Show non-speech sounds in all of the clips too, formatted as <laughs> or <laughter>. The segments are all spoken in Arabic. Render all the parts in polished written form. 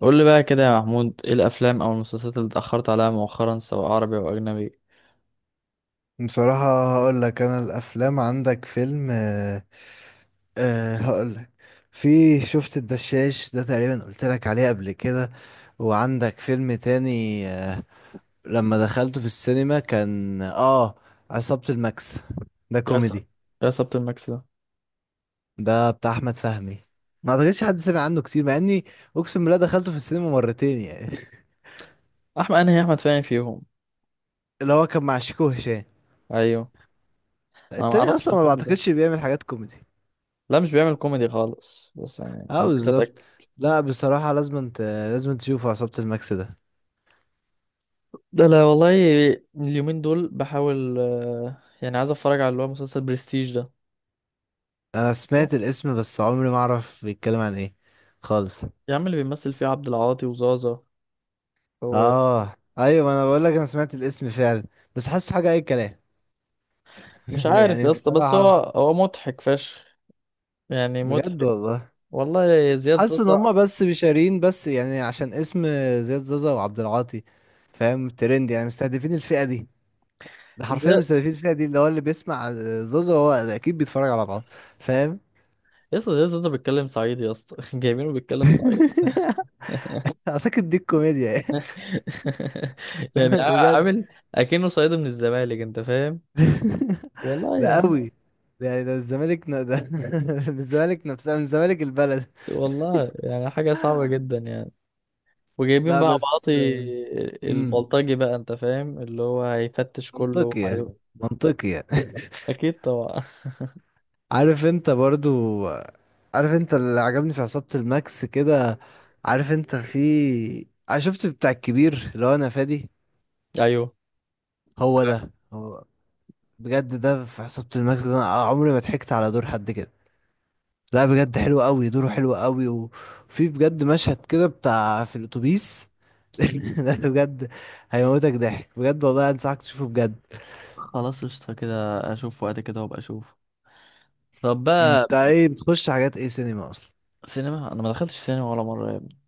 قول لي بقى كده يا محمود، ايه الافلام او المسلسلات اللي اتاخرت عليها مؤخرا سواء عربي او اجنبي؟ بصراحة هقول لك انا الافلام عندك فيلم آه. هقول لك في شفت الدشاش ده تقريبا قلت لك عليه قبل كده. وعندك فيلم تاني آه، لما دخلته في السينما كان عصابة الماكس ده يا سب- كوميدي. يا سبت المكس ده. ده بتاع احمد فهمي، ما اعتقدش حد سمع عنه كتير، مع اني اقسم بالله دخلته في السينما مرتين يعني. احمد، انا هي احمد فاهم فيهم. <laughs> اللي هو كان مع شيكو هشام، ايوه. انا ما التاني اعرفش اصلا ما الفيلم ده. بعتقدش بيعمل حاجات كوميدي. لا، مش بيعمل كوميدي خالص، بس يعني اه حبيت بالظبط. اتاكد. لا بصراحة، لازم تشوفوا عصابة الماكس ده. ده، لا والله. اليومين دول بحاول، يعني عايز اتفرج على اللي هو مسلسل برستيج ده. انا سمعت الاسم بس عمري ما اعرف بيتكلم عن ايه خالص. يا عم، اللي بيمثل فيه عبد العاطي وزازا هو. اه ايوه، ما انا بقول لك انا سمعت الاسم فعلا، بس حاسه حاجة اي كلام مش <laughs> عارف يعني يا اسطى، بس هو بصراحة. هو مضحك فشخ. يعني بجد مضحك. والله. والله. بس زياد حاسس ان زازا. هما بس بيشارين، بس يعني عشان اسم زياد زازا وعبد العاطي، فاهم؟ ترند يعني، مستهدفين الفئة دي. ده حرفيا مستهدفين الفئة دي، اللي هو اللي بيسمع زازا هو اكيد بيتفرج على بعض، فاهم؟ يا اسطى، يا اسطى، انت بتتكلم صعيدي يا اسطى. <laughs> جايبينه بيتكلم صعيدي. <laughs> اعتقد دي الكوميديا يعني. <laughs> <laughs> يعني بجد. عامل اكنه صعيدي من الزمالك، انت فاهم. <laughs> والله ده يعني. قوي. ده يعني ده الزمالك ده <laughs> من الزمالك نفسها، من الزمالك البلد. والله يعني حاجه صعبه جدا يعني. وجايبين لا بقى بعاطي بس، امم البلطجي بقى، انت فاهم، اللي هو هيفتش كله. منطقية، ايوه. منطقية. اكيد طبعا. <laughs> عارف انت برضو، عارف انت اللي عجبني في عصابة الماكس كده؟ عارف انت في شفت بتاع الكبير اللي هو انا فادي؟ <laughs> ايوه. هو ده هو. بجد ده في عصابة الماكس ده انا عمري ما ضحكت على دور حد كده. لا بجد حلو قوي دوره، حلو قوي. وفي بجد مشهد كده بتاع في الاتوبيس <laughs> لا بجد هيموتك ضحك، بجد والله انصحك تشوفه بجد. خلاص قشطه كده. اشوف وقت كده وابقى اشوف. طب بقى. انت ايه بتخش حاجات ايه سينما اصلا؟ سينما، انا ما دخلتش سينما ولا مره يا ابني.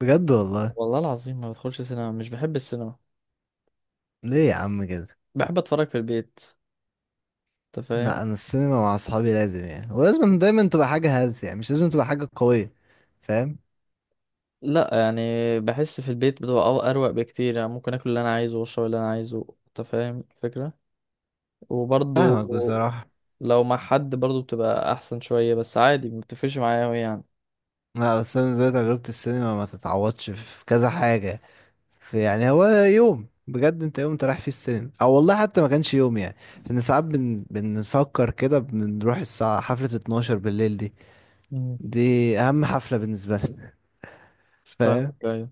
بجد والله؟ والله العظيم ما بدخلش سينما، مش بحب السينما. ليه يا عم كده؟ بحب اتفرج في البيت. انت فاهم. لا انا السينما مع اصحابي لازم يعني، ولازم دايما تبقى حاجه هلس يعني، مش لازم تبقى حاجه قويه، فاهم؟ لا يعني. بحس في البيت بتبقى اروق بكتير، يعني ممكن اكل اللي انا عايزه واشرب اللي انا عايزه، انت فاهم الفكره. وبرضو، فاهمك بصراحه. لو مع حد برضو بتبقى احسن شويه، بس عادي ما بتفرقش معايا أوي يعني. لا بس انا بالنسبه لي تجربه السينما ما تتعوضش في كذا حاجه. يعني هو يوم بجد، انت يوم انت رايح فيه السينما، او والله حتى ما كانش يوم يعني. لان ساعات بنفكر كده بنروح الساعة حفلة 12 بالليل دي، مم. دي اهم حفلة بالنسبة لنا. <laughs> فاهمك، فاهم؟ ايوه.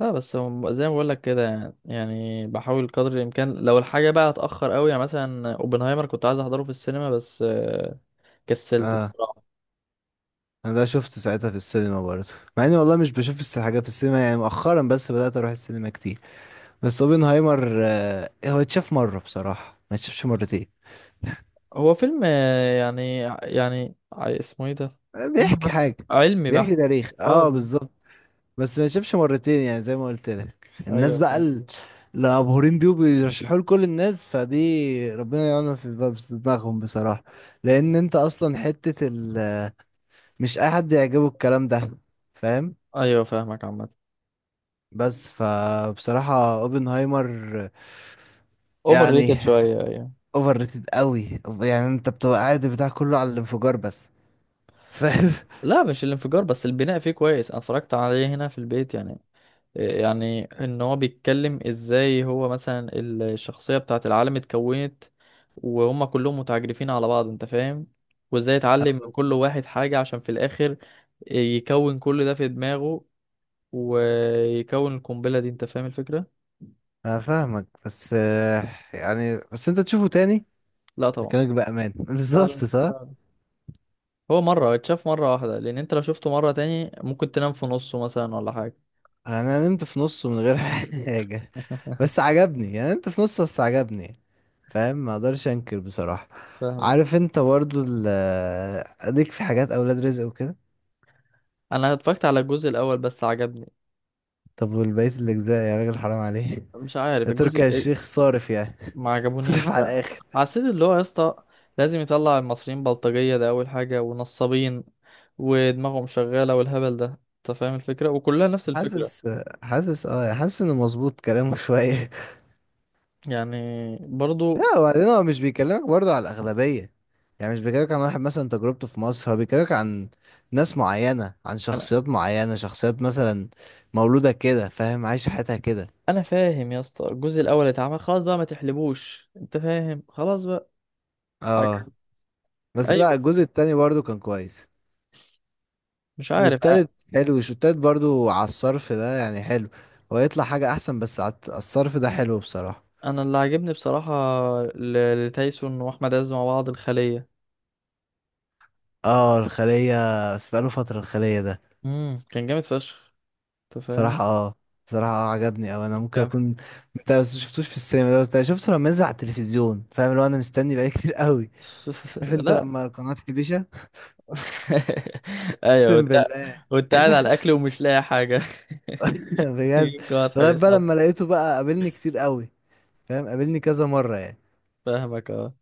لا بس هو زي ما بقول لك كده، يعني بحاول قدر الامكان لو الحاجه بقى اتاخر قوي، يعني مثلا اوبنهايمر كنت عايز احضره في السينما، بس كسلت اه بصراحه. انا ده شفت ساعتها في السينما برضه، مع اني والله مش بشوف حاجة في السينما يعني مؤخرا، بس بدأت اروح السينما كتير. بس اوبنهايمر آه، هو اتشاف مرة بصراحة، ما اتشافش مرتين. هو فيلم، يعني اسمه ايه ده؟ فيلم بيحكي حاجة، علمي بيحكي بحت. تاريخ، اه اه بالظبط. بالظبط. بس ما يشوفش مرتين يعني، زي ما قلت لك الناس ايوه بقى فاهم. اللي مبهورين بيه وبيرشحوه لكل الناس، فدي ربنا يعلم في في دماغهم بصراحة. لأن أنت أصلا حتة مش أي حد يعجبه الكلام ده، فاهم؟ ايوه فاهمك عامة. بس فبصراحة اوبنهايمر اوفر يعني ريتد شوية، ايوه. اوفر ريتد قوي. يعني أنت بتبقى قاعد بتاع كله على الانفجار بس، فاهم؟ <laughs> لا، مش الانفجار بس، البناء فيه كويس، انا اتفرجت عليه هنا في البيت يعني. يعني ان هو بيتكلم ازاي، هو مثلا الشخصية بتاعت العالم اتكونت، وهم كلهم متعجرفين على بعض، انت فاهم، وازاي اتعلم من كل واحد حاجة عشان في الاخر، يكون كل ده في دماغه ويكون القنبلة دي، انت فاهم الفكرة؟ أنا فاهمك بس آه، يعني بس أنت تشوفه تاني لا طبعا. بكلامك بأمان <laughs> لا، بالظبط صح. لا. هو مرة اتشاف مرة واحدة، لأن أنت لو شفته مرة تاني ممكن تنام في نصه مثلا ولا حاجة. انا نمت في نصه من غير <laughs> حاجه. <laughs> بس عجبني يعني، نمت في نصه بس عجبني، فاهم؟ ما اقدرش انكر بصراحه. فاهمك. عارف انت برضو اديك في حاجات اولاد رزق وكده. أنا اتفرجت على الجزء الأول، بس عجبني. طب والبقيه الاجزاء يا راجل، حرام عليه. مش عارف ده الجزء تركي إيه؟ الشيخ صارف يعني ما <laughs> صارف عجبونيش، على لا. الاخر. حسيت اللي هو يا اسطى، لازم يطلع المصريين بلطجية، ده أول حاجة، ونصابين ودماغهم شغالة والهبل ده. أنت فاهم الفكرة، وكلها نفس الفكرة. حاسس، حاسس اه، حاسس انه مظبوط كلامه شويه. يعني. برضو. لا وبعدين هو مش بيكلمك برضه على الأغلبية، يعني مش بيكلمك عن واحد مثلا تجربته في مصر، هو بيكلمك عن ناس معينة، عن أنا شخصيات معينة، شخصيات مثلا مولودة كده فاهم، عايشة حياتها كده. أنا فاهم يا اسطى، الجزء الأول اتعمل خلاص بقى، ما تحلبوش، أنت فاهم، خلاص بقى. عجب. اه. بس لا أيوه. الجزء التاني برضه كان كويس. مش عارف. والتالت حلو، شو التالت برضه على الصرف ده يعني حلو. هو يطلع حاجة أحسن، بس على على الصرف ده حلو بصراحة. انا اللي عجبني بصراحه لتايسون واحمد عز مع بعض الخليه. اه الخلية، بس بقاله فترة الخلية ده. كان جامد فشخ، انت فاهم. صراحة اه، صراحة اه عجبني. او انا ممكن كان. اكون انت بس شفتوش في السينما ده، بس أنا شفته لما نزل على التلفزيون، فاهم؟ لو انا مستني بقالي كتير قوي. <laughs> عارف انت لا. لما القناة تحبيشة؟ <laughs> ايوه، اقسم وانت بالله وانت قاعد على الاكل ومش لاقي حاجه. <laughs> <laughs> بجد. يجيب واضح لغاية بقى بيتحط. لما لقيته بقى قابلني كتير قوي، فاهم؟ قابلني كذا مرة يعني. فاهمك، اه.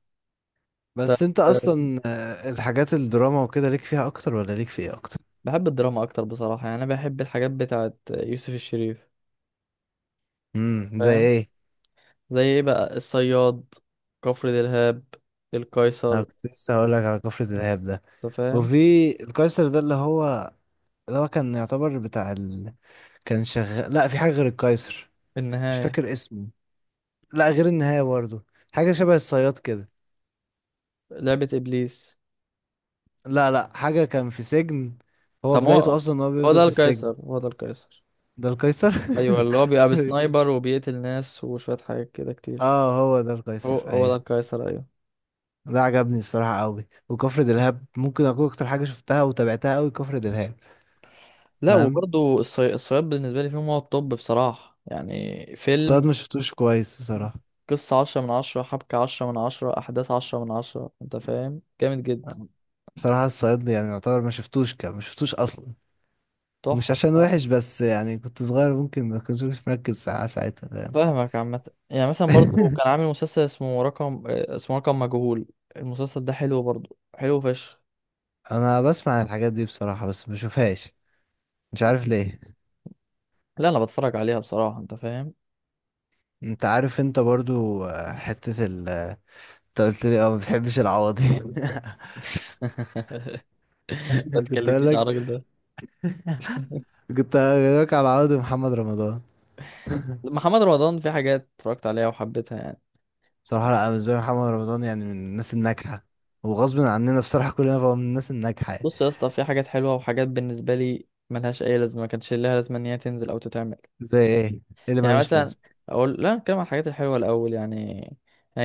طب. بس انت اصلا آه، الحاجات الدراما وكده ليك فيها اكتر، ولا ليك في ايه اكتر؟ بحب الدراما اكتر بصراحه، يعني انا بحب الحاجات بتاعت يوسف الشريف. زي فاهم. ايه؟ زي ايه بقى، الصياد، كفر دلهاب، انا القيصر. كنت لسه هقول لك على كفر دلهاب ده. انت فاهم. وفي القيصر ده، اللي هو اللي هو كان يعتبر كان شغال لا في حاجة غير القيصر. مش النهايه. فاكر اسمه. لا غير النهاية برضه، حاجة شبه الصياد كده. لعبه ابليس. لا لا، حاجة كان في سجن، هو طب بدايته هو أصلا إن هو هو بيفضل ده في القيصر، السجن. هو ده القيصر. ده القيصر. ايوه، اللي هو بيبقى بسنايبر <laughs> وبيقتل ناس وشويه حاجات كده كتير. اه هو ده القيصر هو ده أيوه. القيصر، ايوه. ده عجبني بصراحة أوي. وكفر دلهاب ممكن أكون أكتر حاجة شفتها وتابعتها أوي، كفر دلهاب، لا فاهم؟ وبرضه، الصياد بالنسبه لي فيهم هو الطب بصراحه، يعني فيلم. الصياد ما شفتوش كويس بصراحة. قصه 10/10، حبكه 10/10، احداث 10/10، انت فاهم، جامد جدا. بصراحة الصياد يعني يعتبر ما شفتوش، كان ما شفتوش أصلا. مش تحفه عشان بصراحة. وحش، بس يعني كنت صغير ممكن ما كنتش مركز ساعة ساعتها، فاهم؟ فاهمك عامه. يعني مثلا برضه كان <laughs> عامل مسلسل اسمه رقم مجهول. المسلسل ده حلو برضه، حلو فشخ. انا بسمع الحاجات دي بصراحة، بس بشوفهاش، مش عارف ليه. لا انا بتفرج عليها بصراحه، انت فاهم. انت عارف انت برضو آه، حتة انت قلت لي اه ما بتحبش العوضي. <laughs> ما <laughs> كنت اقول تكلمنيش على لك، الراجل ده. كنت هقول لك على العوضي محمد رمضان. <laughs> محمد رمضان في حاجات اتفرجت عليها وحبيتها يعني. بصراحة لا، أنا بالنسبة لي محمد رمضان يعني من الناس الناجحة، وغصب عننا بصراحة كلنا بقى، من الناس الناجحة يعني. بص يا اسطى، في حاجات حلوه، وحاجات بالنسبه لي ملهاش اي لازمه، ما كانش لها لازمه ان هي تنزل او تتعمل. زي ايه؟ إيه اللي يعني ملوش مثلا. لازمة؟ اقول، لا نتكلم عن الحاجات الحلوه الاول يعني.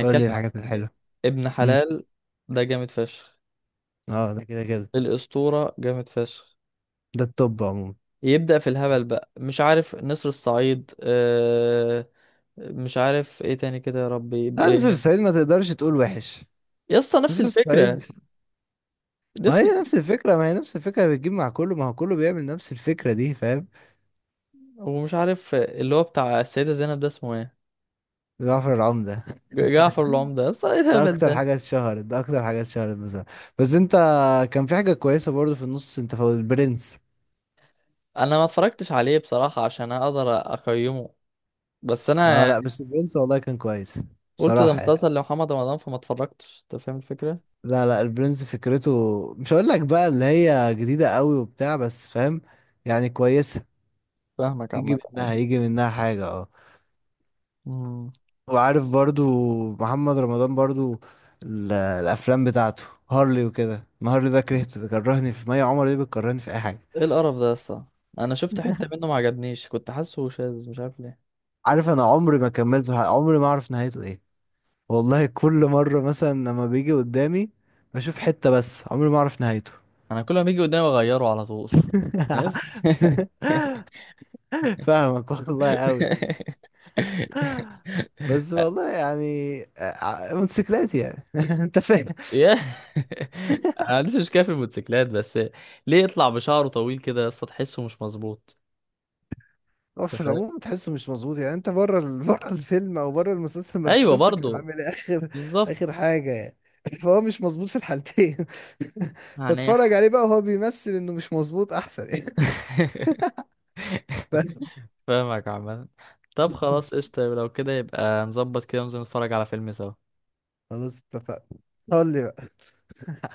قول لي عن الحاجات الحلوة. ابن مم. حلال. ده جامد فشخ. اه ده كده كده، الاسطوره جامد فشخ. ده التوب عموما. يبدا في الهبل بقى، مش عارف، نسر الصعيد، مش عارف ايه تاني كده، يا ربي لا نزل الصعيد ما تقدرش تقول وحش. يا اسطى نفس نزل الفكره. الصعيد، ما نفس. هي نفس الفكرة، ما هي نفس الفكرة، بتجيب مع كله، ما هو كله بيعمل نفس الفكرة دي فاهم. ومش عارف اللي هو بتاع السيدة زينب ده اسمه ايه. جعفر العمدة. جعفر العمدة، يا اسطى ايه <laughs> ده الهبل أكتر ده. حاجة اتشهرت، ده أكتر حاجة اتشهرت مثلا. بس أنت، كان في حاجة كويسة برضو في النص أنت فوت، البرنس. انا ما اتفرجتش عليه بصراحة عشان اقدر اقيمه، بس انا أه يعني لأ بس البرنس والله كان كويس، قلت ده بصراحة يعني. مسلسل لمحمد رمضان فما اتفرجتش، انت فاهم الفكرة. لا لا البرنس فكرته، مش هقول لك بقى اللي هي جديدة قوي وبتاع، بس فاهم يعني كويسة. فاهمك عامة يجي أوي. منها، يجي منها حاجة آه. امم. وعارف برضو محمد رمضان برضو الافلام بتاعته، هارلي وكده. ما هارلي ده كرهته، بيكرهني في مي عمر، دي بتكرهني في اي حاجه. ايه القرف ده يا اسطى؟ انا شفت حتة منه ما عجبنيش، كنت حاسه شاذ، مش عارف ليه. عارف انا عمري ما كملته، عمري ما اعرف نهايته ايه. والله كل مره مثلا لما بيجي قدامي بشوف حته، بس عمري ما اعرف نهايته. انا كل ما بيجي قدامي اغيره على طول. <laughs> عارف؟ <laughs> فاهمك والله قوي. بس <laughs> والله يعني موتوسيكلات يعني <laughs> انت فاهم؟ يا <laughs> انا ما عنديش مشكله في الموتوسيكلات، بس ليه يطلع بشعره طويل كده يا اسطى، تحسه مش مظبوط. هو في أنت فاهم؟ العموم تحسه مش مظبوط يعني، انت بره <laughs> بره الفيلم او بره المسلسل، ما انت ايوه شفت كان برضو. عامل ايه اخر، بالظبط. اخر حاجه يعني. <laughs> فهو مش مظبوط في الحالتين. <laughs> فاتفرج هنيح. عليه بقى وهو بيمثل انه مش مظبوط احسن يعني. <laughs> <laughs> ف- فاهمك عامة. طب خلاص قشطة، لو كده يبقى نظبط كده وننزل نتفرج على فيلم سوا خلاص اتفقنا. قول لي بقى